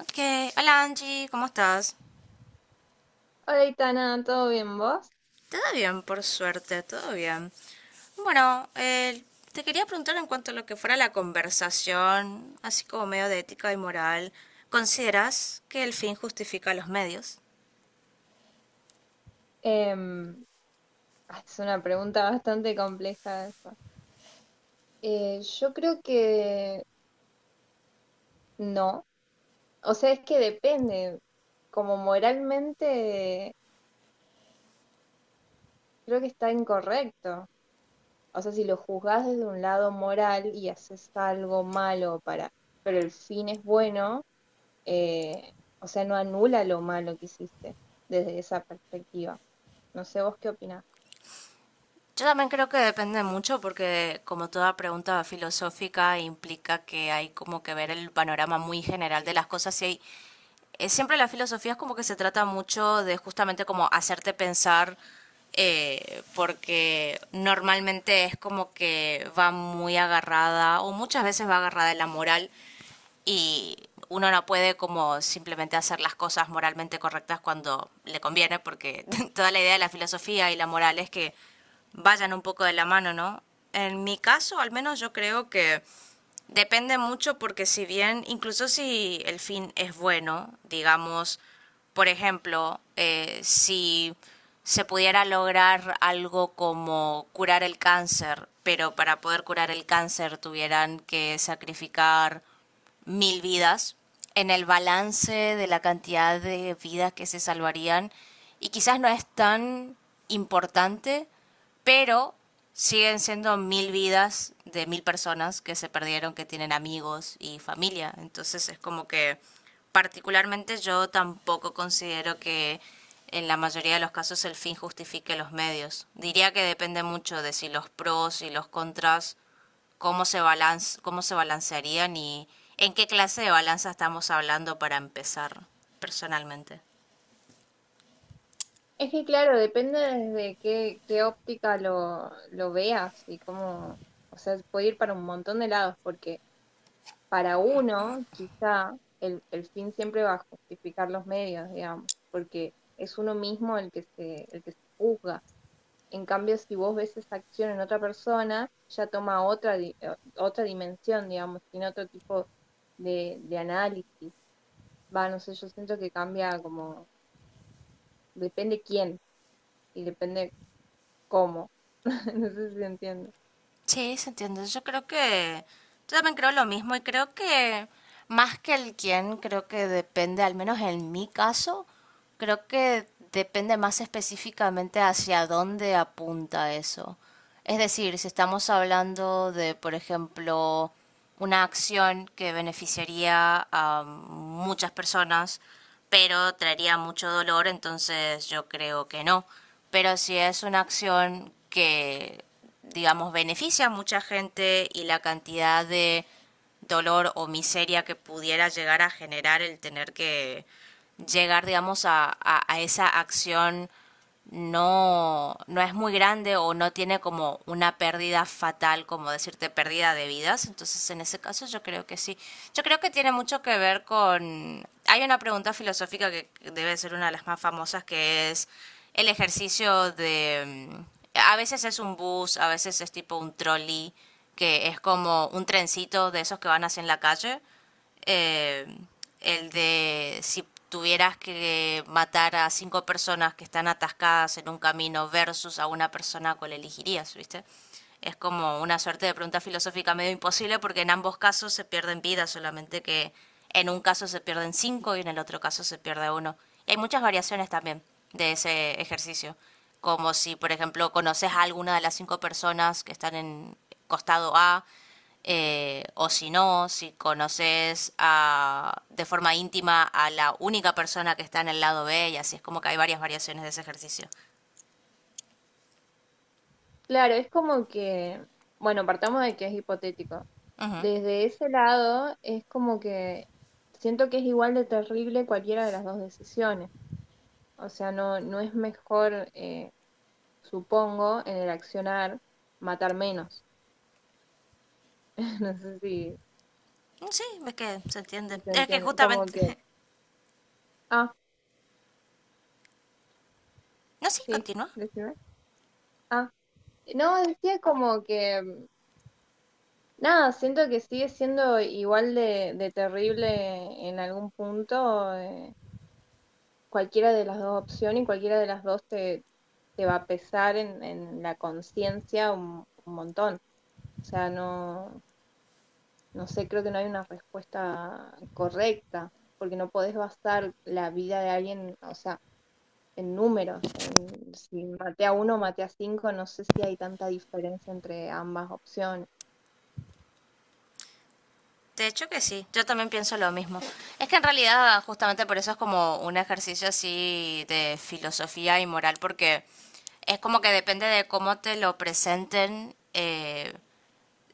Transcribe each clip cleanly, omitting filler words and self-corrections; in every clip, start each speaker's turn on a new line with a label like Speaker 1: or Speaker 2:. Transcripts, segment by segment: Speaker 1: Ok, hola Angie, ¿cómo estás?
Speaker 2: Hola, Itana, ¿todo bien vos?
Speaker 1: Todo bien, por suerte, todo bien. Bueno, te quería preguntar en cuanto a lo que fuera la conversación, así como medio de ética y moral, ¿consideras que el fin justifica los medios?
Speaker 2: Em, es una pregunta bastante compleja esa. Yo creo que no. O sea, es que depende. Como moralmente, creo que está incorrecto. O sea, si lo juzgás desde un lado moral y haces algo malo para, pero el fin es bueno, eh, o sea, no anula lo malo que hiciste desde esa perspectiva. No sé, ¿vos qué opinás?
Speaker 1: Yo también creo que depende mucho porque como toda pregunta filosófica implica que hay como que ver el panorama muy general de las cosas y hay siempre la filosofía es como que se trata mucho de justamente como hacerte pensar, porque normalmente es como que va muy agarrada o muchas veces va agarrada en la moral y uno no puede como simplemente hacer las cosas moralmente correctas cuando le conviene, porque toda la idea de la filosofía y la moral es que vayan un poco de la mano, ¿no? En mi caso, al menos yo creo que depende mucho porque si bien, incluso si el fin es bueno, digamos, por ejemplo, si se pudiera lograr algo como curar el cáncer, pero para poder curar el cáncer tuvieran que sacrificar 1.000 vidas en el balance de la cantidad de vidas que se salvarían y quizás no es tan importante, pero siguen siendo 1.000 vidas de 1.000 personas que se perdieron, que tienen amigos y familia. Entonces es como que particularmente yo tampoco considero que en la mayoría de los casos el fin justifique los medios. Diría que depende mucho de si los pros y los contras cómo se balance, cómo se balancearían y en qué clase de balanza estamos hablando para empezar personalmente.
Speaker 2: Es que claro, depende desde qué óptica lo veas y cómo, o sea, puede ir para un montón de lados, porque para uno quizá el fin siempre va a justificar los medios, digamos, porque es uno mismo el que el que se juzga. En cambio, si vos ves esa acción en otra persona, ya toma otra, otra dimensión, digamos, tiene otro tipo de análisis. Va, no sé, yo siento que cambia como, depende quién y depende. ¿Cómo? No sé si entiendo.
Speaker 1: Sí, se entiende. Yo creo que yo también creo lo mismo y creo que más que el quién, creo que depende, al menos en mi caso, creo que depende más específicamente hacia dónde apunta eso. Es decir, si estamos hablando de, por ejemplo, una acción que beneficiaría a muchas personas, pero traería mucho dolor, entonces yo creo que no. Pero si es una acción que, digamos, beneficia a mucha gente y la cantidad de dolor o miseria que pudiera llegar a generar el tener que llegar, digamos, a esa acción no es muy grande o no tiene como una pérdida fatal, como decirte, pérdida de vidas. Entonces, en ese caso, yo creo que sí. Yo creo que tiene mucho que ver con... Hay una pregunta filosófica que debe ser una de las más famosas, que es el ejercicio de... a veces es un bus, a veces es tipo un trolley, que es como un trencito de esos que van hacia en la calle. Eh, el de si tuvieras que matar a cinco personas que están atascadas en un camino versus a una persona, ¿cuál elegirías, viste? Es como una suerte de pregunta filosófica medio imposible porque en ambos casos se pierden vidas, solamente que en un caso se pierden cinco y en el otro caso se pierde uno. Y hay muchas variaciones también de ese ejercicio, como si, por ejemplo, conoces a alguna de las cinco personas que están en costado A, o si no, si conoces de forma íntima a la única persona que está en el lado B, y así es como que hay varias variaciones de ese ejercicio.
Speaker 2: Claro, es como que, bueno, partamos de que es hipotético.
Speaker 1: Ujú.
Speaker 2: Desde ese lado, es como que siento que es igual de terrible cualquiera de las dos decisiones. O sea, no es mejor, supongo, en el accionar matar menos. No sé si,
Speaker 1: Sí, es que se entiende.
Speaker 2: si se
Speaker 1: Es que
Speaker 2: entiende. Como
Speaker 1: justamente...
Speaker 2: que, ah,
Speaker 1: No, sí,
Speaker 2: sí,
Speaker 1: continúa.
Speaker 2: decime. Ah, no, decía como que. Nada, siento que sigue siendo igual de terrible en algún punto. Eh, cualquiera de las dos opciones y cualquiera de las dos te va a pesar en la conciencia un montón. O sea, no, no sé, creo que no hay una respuesta correcta, porque no podés basar la vida de alguien, o sea, en números. En, si maté a uno, o maté a cinco, no sé si hay tanta diferencia entre ambas opciones.
Speaker 1: De hecho que sí, yo también pienso lo mismo. Es que en realidad justamente por eso es como un ejercicio así de filosofía y moral, porque es como que depende de cómo te lo presenten,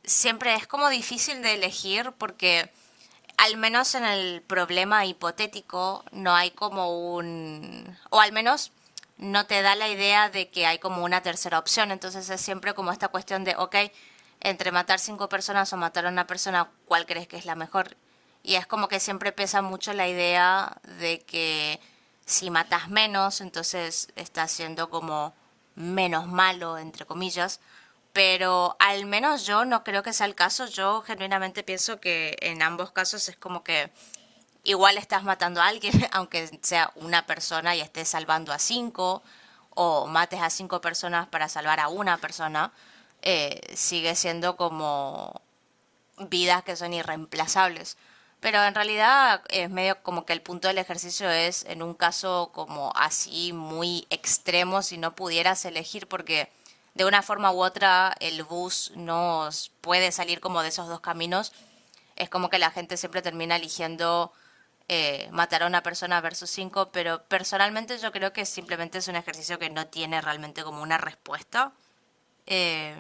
Speaker 1: siempre es como difícil de elegir porque al menos en el problema hipotético no hay como un, o al menos no te da la idea de que hay como una tercera opción, entonces es siempre como esta cuestión de, ok, entre matar cinco personas o matar a una persona, ¿cuál crees que es la mejor? Y es como que siempre pesa mucho la idea de que si matas menos, entonces estás siendo como menos malo, entre comillas, pero al menos yo no creo que sea el caso. Yo genuinamente pienso que en ambos casos es como que igual estás matando a alguien, aunque sea una persona y estés salvando a cinco, o mates a cinco personas para salvar a una persona, sigue siendo como vidas que son irreemplazables. Pero en realidad es medio como que el punto del ejercicio es en un caso como así muy extremo si no pudieras elegir porque de una forma u otra el bus no puede salir como de esos dos caminos. Es como que la gente siempre termina eligiendo matar a una persona versus cinco, pero personalmente yo creo que simplemente es un ejercicio que no tiene realmente como una respuesta. Eh,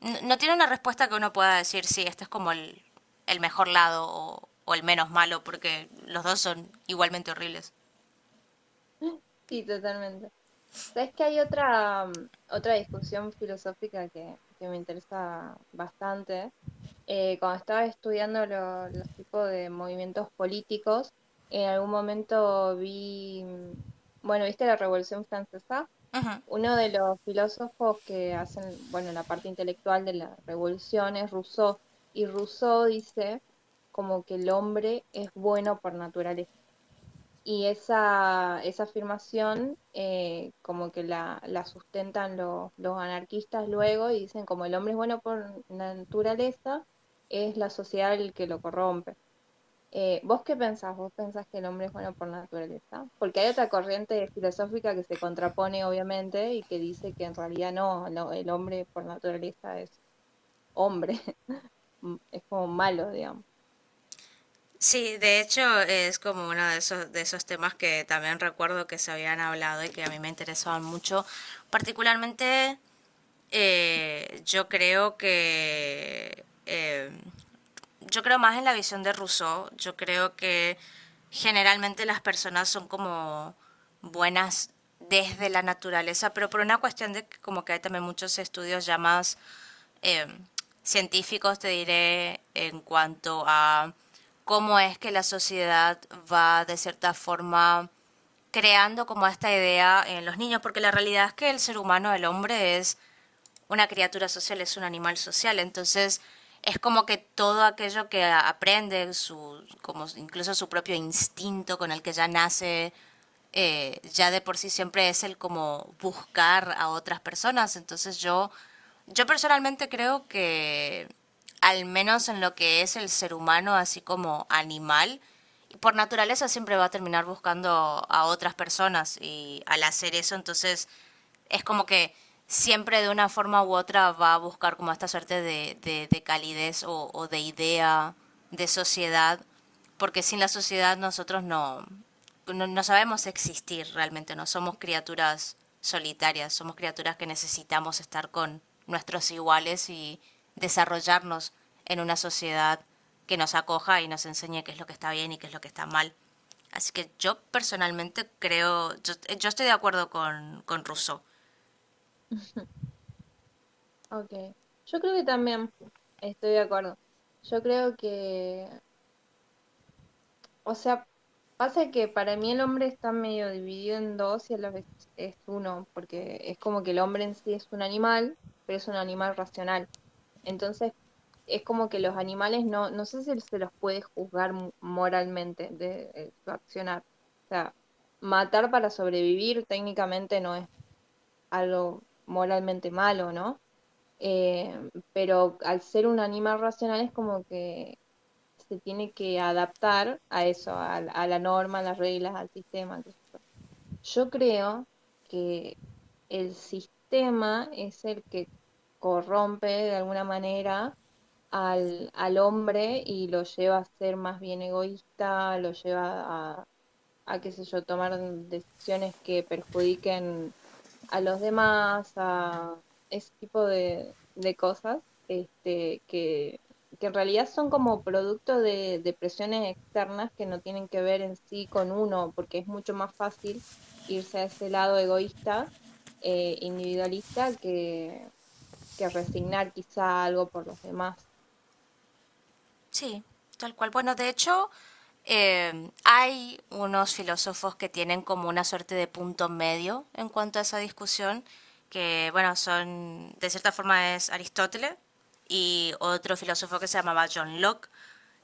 Speaker 1: no, no tiene una respuesta que uno pueda decir, sí, este es como el mejor lado o el menos malo, porque los dos son igualmente horribles.
Speaker 2: Sí, totalmente. Sabes que hay otra, otra discusión filosófica que me interesa bastante. Cuando estaba estudiando los tipos de movimientos políticos, en algún momento vi, bueno, ¿viste la Revolución Francesa? Uno de los filósofos que hacen, bueno, la parte intelectual de la revolución es Rousseau, y Rousseau dice como que el hombre es bueno por naturaleza. Y esa afirmación como que la sustentan los anarquistas luego y dicen como el hombre es bueno por naturaleza, es la sociedad el que lo corrompe. ¿Vos qué pensás? ¿Vos pensás que el hombre es bueno por naturaleza? Porque hay otra corriente filosófica que se contrapone obviamente y que dice que en realidad no, no, el hombre por naturaleza es hombre, es como malo, digamos.
Speaker 1: Sí, de hecho es como uno de esos temas que también recuerdo que se habían hablado y que a mí me interesaban mucho, particularmente. Eh, yo creo que... eh, yo creo más en la visión de Rousseau. Yo creo que generalmente las personas son como buenas desde la naturaleza, pero por una cuestión de que como que hay también muchos estudios ya más eh, científicos, te diré, en cuanto a cómo es que la sociedad va de cierta forma creando como esta idea en los niños, porque la realidad es que el ser humano, el hombre, es una criatura social, es un animal social, entonces es como que todo aquello que aprende, su, como incluso su propio instinto con el que ya nace, ya de por sí siempre es el como buscar a otras personas. Entonces yo personalmente creo que al menos en lo que es el ser humano, así como animal, por naturaleza siempre va a terminar buscando a otras personas y al hacer eso entonces es como que siempre de una forma u otra va a buscar como esta suerte de calidez o de idea, de sociedad, porque sin la sociedad nosotros no sabemos existir realmente, no somos criaturas solitarias, somos criaturas que necesitamos estar con nuestros iguales y desarrollarnos en una sociedad que nos acoja y nos enseñe qué es lo que está bien y qué es lo que está mal. Así que yo personalmente creo, yo estoy de acuerdo con Rousseau.
Speaker 2: Ok, yo creo que también estoy de acuerdo. Yo creo que, o sea, pasa que para mí el hombre está medio dividido en dos y a la vez es uno, porque es como que el hombre en sí es un animal, pero es un animal racional. Entonces, es como que los animales no, no sé si se los puede juzgar moralmente de, su accionar. O sea, matar para sobrevivir técnicamente no es algo moralmente malo, ¿no? Eh, pero al ser un animal racional es como que se tiene que adaptar a eso, a la norma, a las reglas, al sistema. Yo creo que el sistema es el que corrompe de alguna manera al hombre y lo lleva a ser más bien egoísta, lo lleva a qué sé yo, tomar decisiones que perjudiquen a los demás, a ese tipo de cosas, este, que en realidad son como producto de presiones externas que no tienen que ver en sí con uno, porque es mucho más fácil irse a ese lado egoísta, individualista, que resignar quizá algo por los demás.
Speaker 1: Sí, tal cual. Bueno, de hecho, hay unos filósofos que tienen como una suerte de punto medio en cuanto a esa discusión, que bueno, son, de cierta forma, es Aristóteles y otro filósofo que se llamaba John Locke.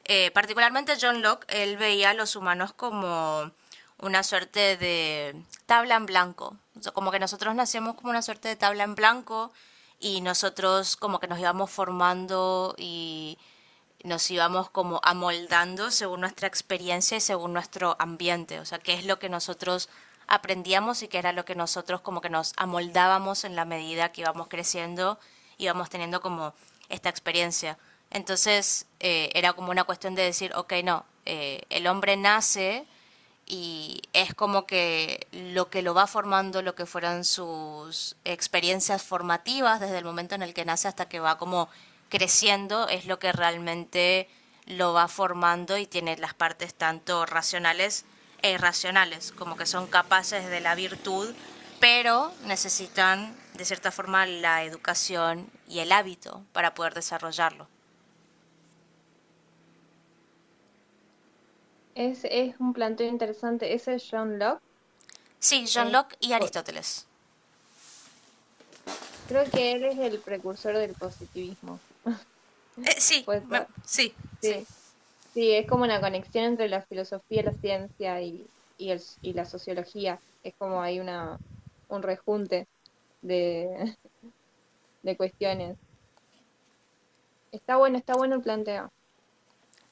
Speaker 1: Particularmente John Locke, él veía a los humanos como una suerte de tabla en blanco. O sea, como que nosotros nacíamos como una suerte de tabla en blanco y nosotros como que nos íbamos formando y nos íbamos como amoldando según nuestra experiencia y según nuestro ambiente, o sea, qué es lo que nosotros aprendíamos y qué era lo que nosotros como que nos amoldábamos en la medida que íbamos creciendo, íbamos teniendo como esta experiencia. Entonces era como una cuestión de decir, ok, no, el hombre nace y es como que lo va formando, lo que fueron sus experiencias formativas desde el momento en el que nace hasta que va como creciendo, es lo que realmente lo va formando y tiene las partes tanto racionales e irracionales, como que son capaces de la virtud, pero necesitan de cierta forma la educación y el hábito para poder desarrollarlo.
Speaker 2: Es un planteo interesante. Ese John Locke,
Speaker 1: Sí, John
Speaker 2: es,
Speaker 1: Locke y
Speaker 2: po-
Speaker 1: Aristóteles.
Speaker 2: creo que él es el precursor del positivismo. ¿Puede ser?
Speaker 1: Sí, sí.
Speaker 2: Sí. Sí, es como una conexión entre la filosofía, la ciencia y, y la sociología. Es como hay una, un rejunte de, de cuestiones. Está bueno el planteo.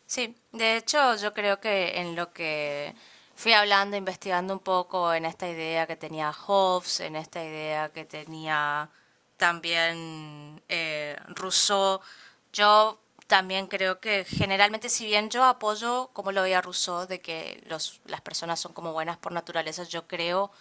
Speaker 1: Sí, de hecho yo creo que en lo que fui hablando, investigando un poco en esta idea que tenía Hobbes, en esta idea que tenía también Rousseau, yo también creo que generalmente si bien yo apoyo, como lo veía Rousseau, de que los, las personas son como buenas por naturaleza, yo creo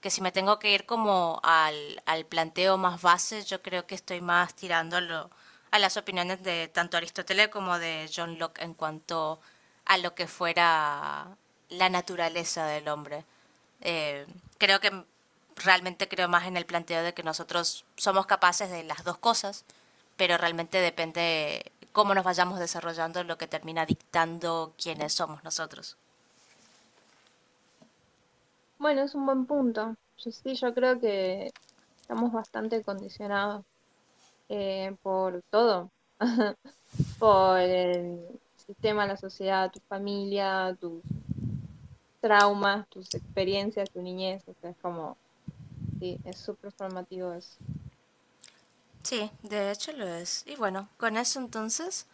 Speaker 1: que si me tengo que ir como al planteo más base, yo creo que estoy más tirando a las opiniones de tanto Aristóteles como de John Locke en cuanto a lo que fuera la naturaleza del hombre. Eh, Creo que realmente creo más en el planteo de que nosotros somos capaces de las dos cosas, pero realmente depende cómo nos vayamos desarrollando lo que termina dictando quiénes somos nosotros.
Speaker 2: Bueno, es un buen punto. Yo sí, yo creo que estamos bastante condicionados por todo, por el sistema, la sociedad, tu familia, tus traumas, tus experiencias, tu niñez. O sea, es como, sí, es súper formativo eso.
Speaker 1: Sí, de hecho lo es. Y bueno, con eso entonces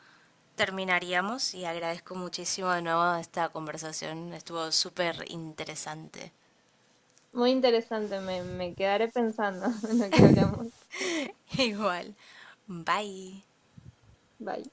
Speaker 1: terminaríamos y agradezco muchísimo de nuevo esta conversación. Estuvo súper interesante.
Speaker 2: Muy interesante, me quedaré pensando en lo que hablamos.
Speaker 1: Igual. Bye.
Speaker 2: Bye.